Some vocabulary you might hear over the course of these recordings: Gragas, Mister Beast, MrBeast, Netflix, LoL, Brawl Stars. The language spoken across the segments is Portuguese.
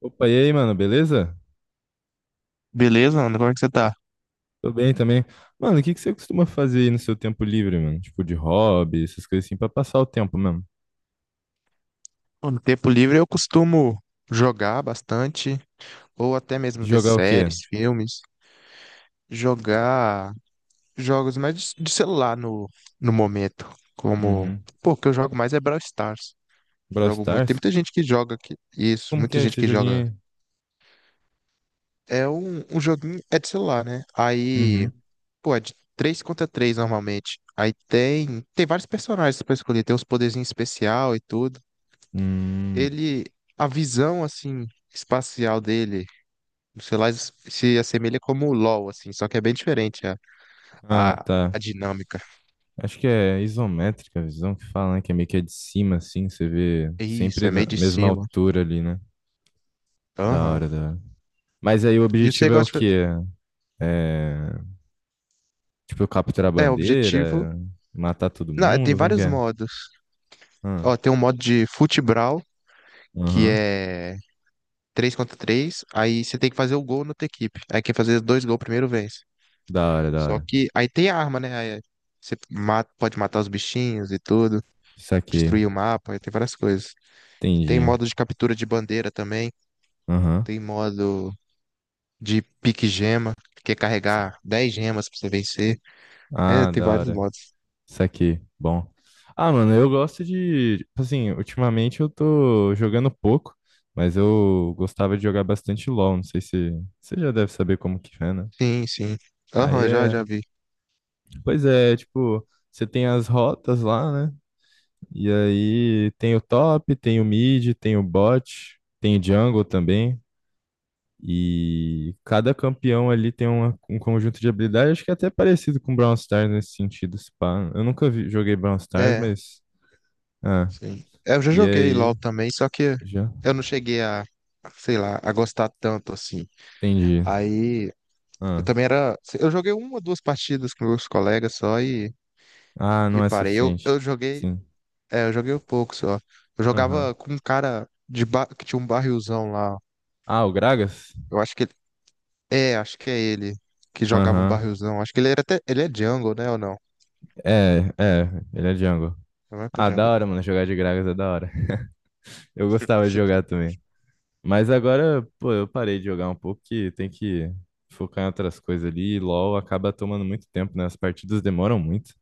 Opa, e aí, mano, beleza? Beleza, Ana? Como é que você tá? Tô bem também. Mano, o que que você costuma fazer aí no seu tempo livre, mano? Tipo, de hobby, essas coisas assim, pra passar o tempo mesmo. Bom, no tempo livre eu costumo jogar bastante, ou até mesmo ver Jogar o quê? séries, filmes, jogar jogos mais de celular no momento. Como, Uhum. pô, o que eu jogo mais é Brawl Stars. Brawl Jogo muito. Tem Stars? muita gente que joga aqui. Isso, Como que muita é gente esse que joga. joguinho É um joguinho, é de celular, né? aí? Aí, Uhum. pô, é de 3 contra 3 normalmente. Aí tem vários personagens pra escolher, tem uns poderzinhos especial e tudo. Hum. Ele, a visão assim espacial dele, sei lá, se assemelha como o LoL assim, só que é bem diferente a, Ah, a, tá. a dinâmica. Acho que é isométrica a visão que fala, né? Que é meio que é de cima, assim, você vê Isso, sempre é na meio de mesma cima. altura ali, né? Da Aham. hora, da hora. Mas aí o E você objetivo é o gosta quê? É... Tipo, capturar a é objetivo. bandeira, matar todo Não, é, tem mundo, como que vários é? modos. Ah. Ó, tem um modo de futebral que Aham. é 3 contra três, aí você tem que fazer o gol na outra equipe. Aí quem fazer dois gols primeiro vence. Da hora, da Só hora. que aí tem arma, né? Aí você mata, pode matar os bichinhos e tudo, Isso aqui. destruir o mapa, aí tem várias coisas. Tem Entendi. modo de captura de bandeira também. Aham. Tem modo de pique gema, que é carregar 10 gemas pra você vencer. É, Ah, tem da vários hora. modos. Isso aqui. Bom. Ah, mano, eu gosto de. Tipo assim, ultimamente eu tô jogando pouco, mas eu gostava de jogar bastante LoL. Não sei se. Você já deve saber como que é, né? Sim, sim. Aí Aham, já, já é. vi. Pois é, tipo, você tem as rotas lá, né? E aí tem o top, tem o mid, tem o bot, tem o jungle também. E cada campeão ali tem um conjunto de habilidades, acho que é até parecido com Brawl Stars nesse sentido, se pá. Eu nunca joguei Brawl Stars, É, mas. Ah, sim. É, eu já e joguei LOL aí? também, só que Já? eu não cheguei a, sei lá, a gostar tanto assim. Entendi. Aí, eu Ah, também era. Eu joguei uma ou duas partidas com meus colegas só e, ah, e não é parei. Eu suficiente. joguei. Sim. É, eu joguei um pouco só. Eu Aham. jogava com um cara que tinha um barrilzão lá. Ah, o Gragas? Eu acho que ele- É, acho que é ele que jogava um Aham. barrilzão. Acho que ele era até. Ele é jungle, né? Ou não? É, é, ele é jungle. Não é pra Ah, da jungle. hora, mano, jogar de Gragas é da hora. Eu gostava de Sim. jogar também. Mas agora, pô, eu parei de jogar um pouco que tem que focar em outras coisas ali. E LoL acaba tomando muito tempo, né? As partidas demoram muito.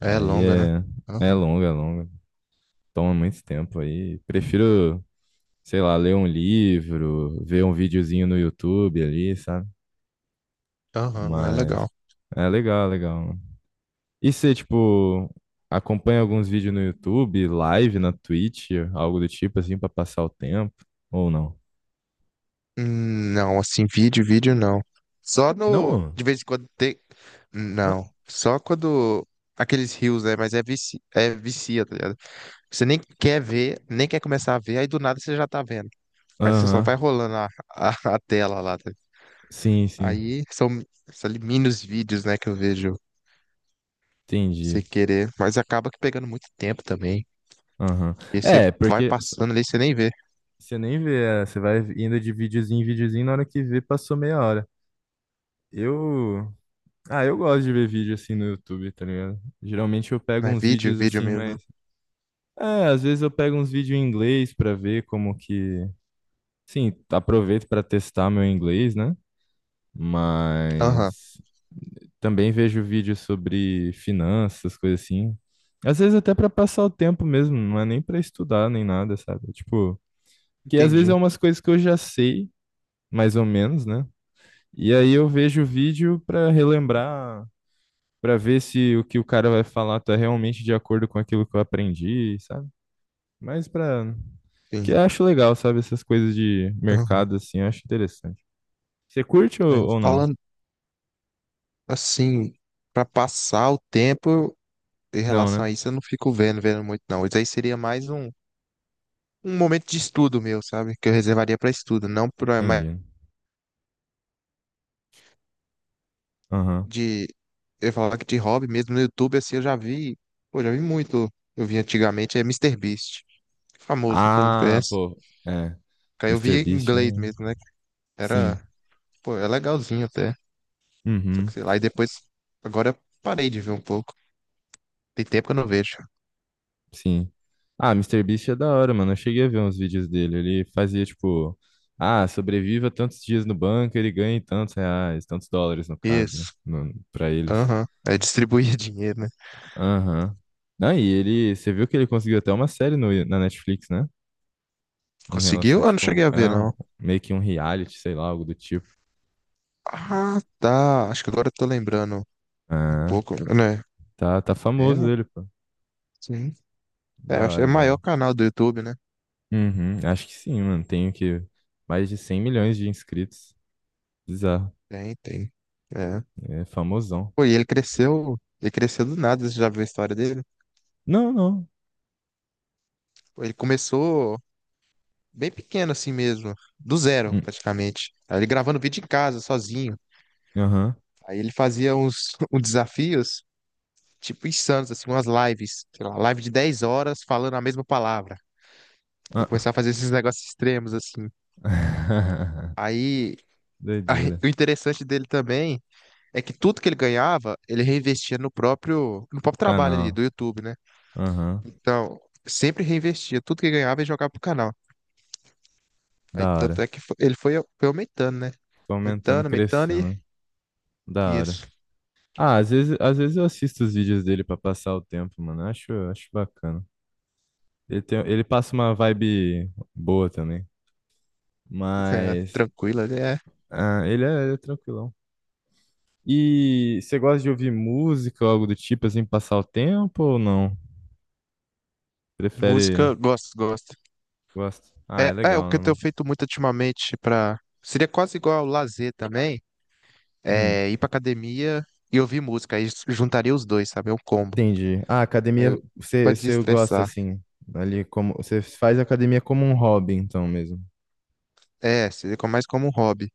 É Aí longa, né? é, é Aham, longa, é longa. Toma muito tempo aí. Prefiro, sei lá, ler um livro, ver um videozinho no YouTube ali, sabe? aham, é Mas legal. é legal, legal, mano. E você, tipo, acompanha alguns vídeos no YouTube, live na Twitch, algo do tipo assim, pra passar o tempo? Ou não? Não, assim, vídeo, vídeo não. Só no. Não? De vez em quando tem. Ah, Não. Só quando. Aqueles rios, né? Mas é, vicia, tá ligado? Você nem quer ver, nem quer começar a ver, aí do nada você já tá vendo. Aí você só vai aham. rolando a tela lá. Tá ligado? Sim, sim. Aí são ali, mini os vídeos, né? Que eu vejo sem Entendi. querer, mas acaba que pegando muito tempo também. Aham. E você É, vai porque passando ali, você nem vê. você nem vê, é, você vai indo de videozinho em videozinho, na hora que vê, passou meia hora. Eu. Ah, eu gosto de ver vídeo assim no YouTube, tá ligado? Geralmente eu pego Mas uns vídeo, vídeos vídeo assim, mesmo. mas. É, às vezes eu pego uns vídeos em inglês pra ver como que. Sim, aproveito pra testar meu inglês, né? Aham, Mas. Também vejo vídeos sobre finanças, coisas assim. Às vezes até pra passar o tempo mesmo, não é nem pra estudar nem nada, sabe? É tipo. Que às vezes é entendi. umas coisas que eu já sei, mais ou menos, né? E aí eu vejo o vídeo para relembrar, para ver se o que o cara vai falar tá realmente de acordo com aquilo que eu aprendi, sabe? Mas para que Sim. eu acho legal, sabe, essas coisas de Aham. mercado assim, eu acho interessante. Você curte É, ou não? falando assim, pra passar o tempo em Não, relação né? a isso, eu não fico vendo muito não. Isso aí seria mais um momento de estudo meu, sabe? Que eu reservaria pra estudo, não pra mais Entendi. Aham. de eu ia que de hobby mesmo no YouTube assim, eu já vi, pô, já vi muito. Eu vi antigamente é Mister Beast, famoso, todo mundo Ah, conhece. pô, é, Aí eu Mister via em Beast é... inglês um, mesmo, né? Era sim. Pô, é legalzinho até. Só que Uhum. sei lá, e depois. Agora eu parei de ver um pouco. Tem tempo que eu não vejo. Sim. Ah, Mister Beast é da hora, mano. Eu cheguei a ver uns vídeos dele. Ele fazia, tipo, ah, sobreviva tantos dias no banco, ele ganha tantos reais, tantos dólares, no caso, né? Isso. No, pra eles. Aham. É distribuir dinheiro, né? Aham. Ah, e ele, você viu que ele conseguiu até uma série no, na Netflix, né? Em relação, a, Conseguiu? Ah, não tipo, cheguei a ver, não. meio que um reality, sei lá, algo do tipo. Ah, tá. Acho que agora eu tô lembrando um Ah, pouco, né? tá, tá É, famoso ele, pô. sim. Da É, acho que é hora, o da maior hora. canal do YouTube, né? Uhum, acho que sim, mano. Tem que Mais de 100 milhões de inscritos. Bizarro. Tem, tem. É. É famosão. Pô, e ele cresceu. Ele cresceu do nada, você já viu a história dele? Não, não. Pô, ele começou bem pequeno assim mesmo. Do zero, praticamente. Aí ele gravando vídeo em casa, sozinho. Aham. Aí ele fazia uns, uns desafios. Tipo, insanos, assim, umas lives, sei lá, live de 10 horas falando a mesma palavra. E Ah. começar a fazer esses negócios extremos, assim. Aí, aí, Doideira. o interessante dele também é que tudo que ele ganhava, ele reinvestia no próprio trabalho ali Canal. do YouTube, né? Aham. Então, sempre reinvestia, tudo que ganhava e jogava pro canal. Aí, Da tanto hora. é que ele foi, foi aumentando, né? Tô aumentando, Aumentando, aumentando e crescendo, né? Da hora. isso. Ah, às vezes eu assisto os vídeos dele pra passar o tempo, mano. Eu acho bacana. Ele tem, ele passa uma vibe boa também. É, Mas tranquilo, ele é. ah, ele é tranquilão. E você gosta de ouvir música ou algo do tipo, assim, passar o tempo ou não? Prefere. Música, gosto, gosto. Gosta? Ah, é É, é o legal, que né, eu tenho mano? feito muito ultimamente para Seria quase igual ao lazer também, Hum. é, ir pra academia e ouvir música. Aí juntaria os dois, sabe? É um combo. Entendi. Ah, Aí academia, eu- Pra você, você gosta desestressar. assim, ali como, você faz academia como um hobby, então mesmo. É, seria mais como um hobby.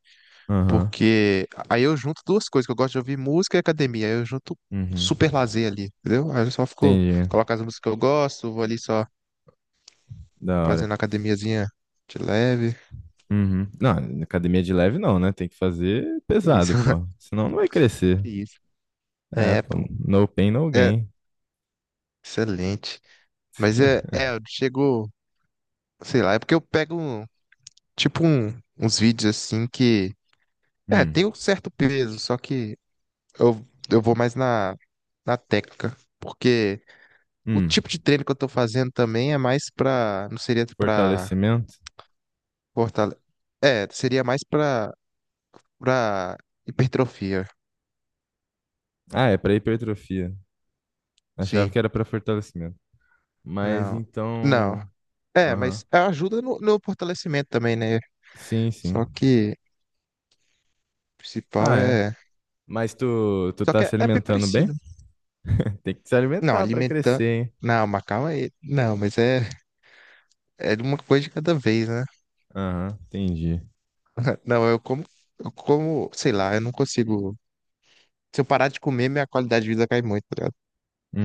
Aham. Porque aí eu junto duas coisas, que eu gosto de ouvir música e academia. Aí eu junto Uhum. super lazer ali, entendeu? Aí eu só fico, Entendi. coloco as músicas que eu gosto, vou ali só Da hora. fazendo a academiazinha de leve. Uhum. Não, academia de leve não, né? Tem que fazer Que pesado, isso, pô. Senão não vai crescer. que isso. É, É, pô, pô. no pain, no É, gain. excelente. Mas é, eu chego, sei lá, é porque eu pego, um, tipo, uns vídeos assim que é, tem Hum. um certo peso, só que eu, eu vou mais na técnica, porque o Hum. tipo de treino que eu tô fazendo também é mais pra, não seria pra Fortalecimento? fortalecer, é, seria mais pra, pra hipertrofia, Ah, é pra hipertrofia. Achava sim, que era pra fortalecimento. Mas não, não, então. é, Aham. mas ajuda no fortalecimento também, né, Sim, sim. só que o Ah, principal é. é, Mas tu, tu só tá que é, se é bem alimentando bem? parecido, Tem que se não, alimentar para alimentando, crescer, hein? não, mas calma aí, não, mas é uma coisa de cada vez, né? Aham, entendi. Não, eu como, sei lá, eu não consigo. Se eu parar de comer, minha qualidade de vida cai muito, tá ligado?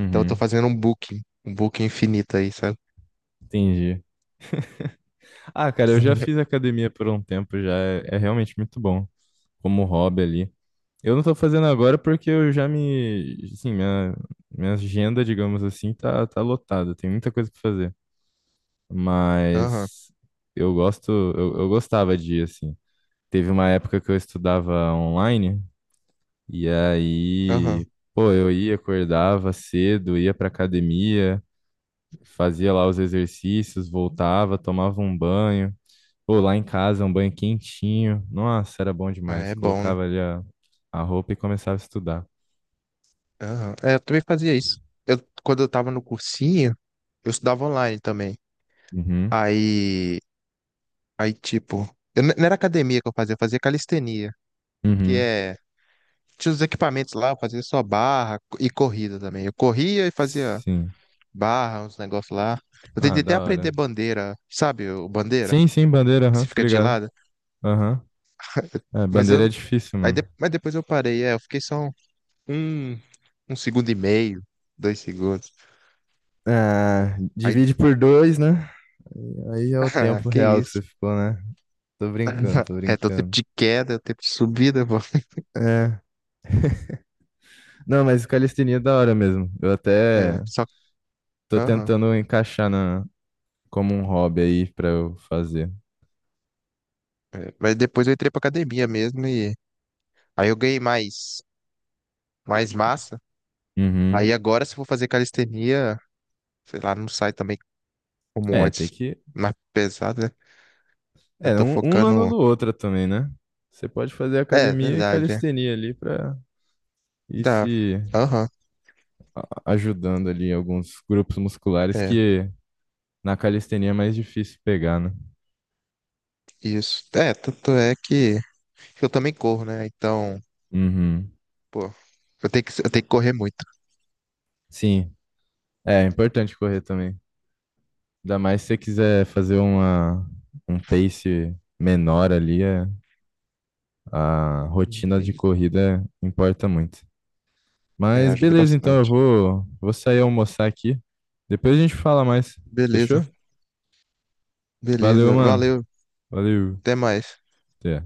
Então eu tô fazendo um booking infinito aí, sabe? entendi. Ah, cara, eu já Uhum. fiz academia por um tempo já. É, é realmente muito bom como hobby ali. Eu não tô fazendo agora porque eu já me. Assim, minha agenda, digamos assim, tá, tá lotada. Tem muita coisa pra fazer. Aham, Mas eu gosto. Eu gostava de, ir, assim. Teve uma época que eu estudava online. E aham. aí. Pô, eu ia, acordava cedo, ia pra academia. Fazia lá os exercícios, voltava, tomava um banho. Ou lá em casa, é um banho quentinho. Nossa, era bom É, demais. é bom, né? Colocava ali a roupa e começava a estudar. Aham. É, eu também fazia isso. Eu, quando eu tava no cursinho, eu estudava online também. Uhum, Aí, aí tipo, não era academia que eu fazia calistenia, que uhum, é, tinha os equipamentos lá, eu fazia só barra e corrida também. Eu corria e fazia sim. barra, uns negócios lá. Eu Ah, tentei até da hora. aprender bandeira, sabe? O bandeira, Sim, sim, bandeira, que aham, se tô fica de ligado. lado. Aham. É, Mas bandeira é eu. difícil, mano. Mas depois eu parei, é, eu fiquei só um, um segundo e meio, 2 segundos. Ah, Aí, divide por dois, né? Aí é o ah, tempo que real que você isso? ficou, né? Tô brincando, tô É, tem o tempo brincando. de queda, tem o tempo de subida, pô. É. Não, mas calistenia é da hora mesmo. Eu É, até só. tô Aham. tentando encaixar na como um hobby aí pra eu fazer. É, mas depois eu entrei pra academia mesmo e. Aí eu ganhei mais massa. Uhum. Aí agora, se eu for fazer calistenia, sei lá, não sai também como É, tem antes. que. Mais pesado, né? Eu É, tô um não focando. anula o outro também, né? Você pode fazer É, academia e verdade, é. calistenia ali pra ir Dá. se Aham, ajudando ali em alguns grupos musculares é, que na calistenia é mais difícil pegar, né? isso. É, tanto é que eu também corro, né? Então, Uhum. pô, eu tenho que correr muito. Sim, é é importante correr também. Ainda mais se você quiser fazer uma, um pace menor ali, a rotina de Enfim, corrida importa muito. é, Mas ajuda beleza, então eu bastante. vou, vou sair almoçar aqui. Depois a gente fala mais. Beleza, Fechou? Valeu, beleza. mano. Valeu, Valeu. até mais. Até.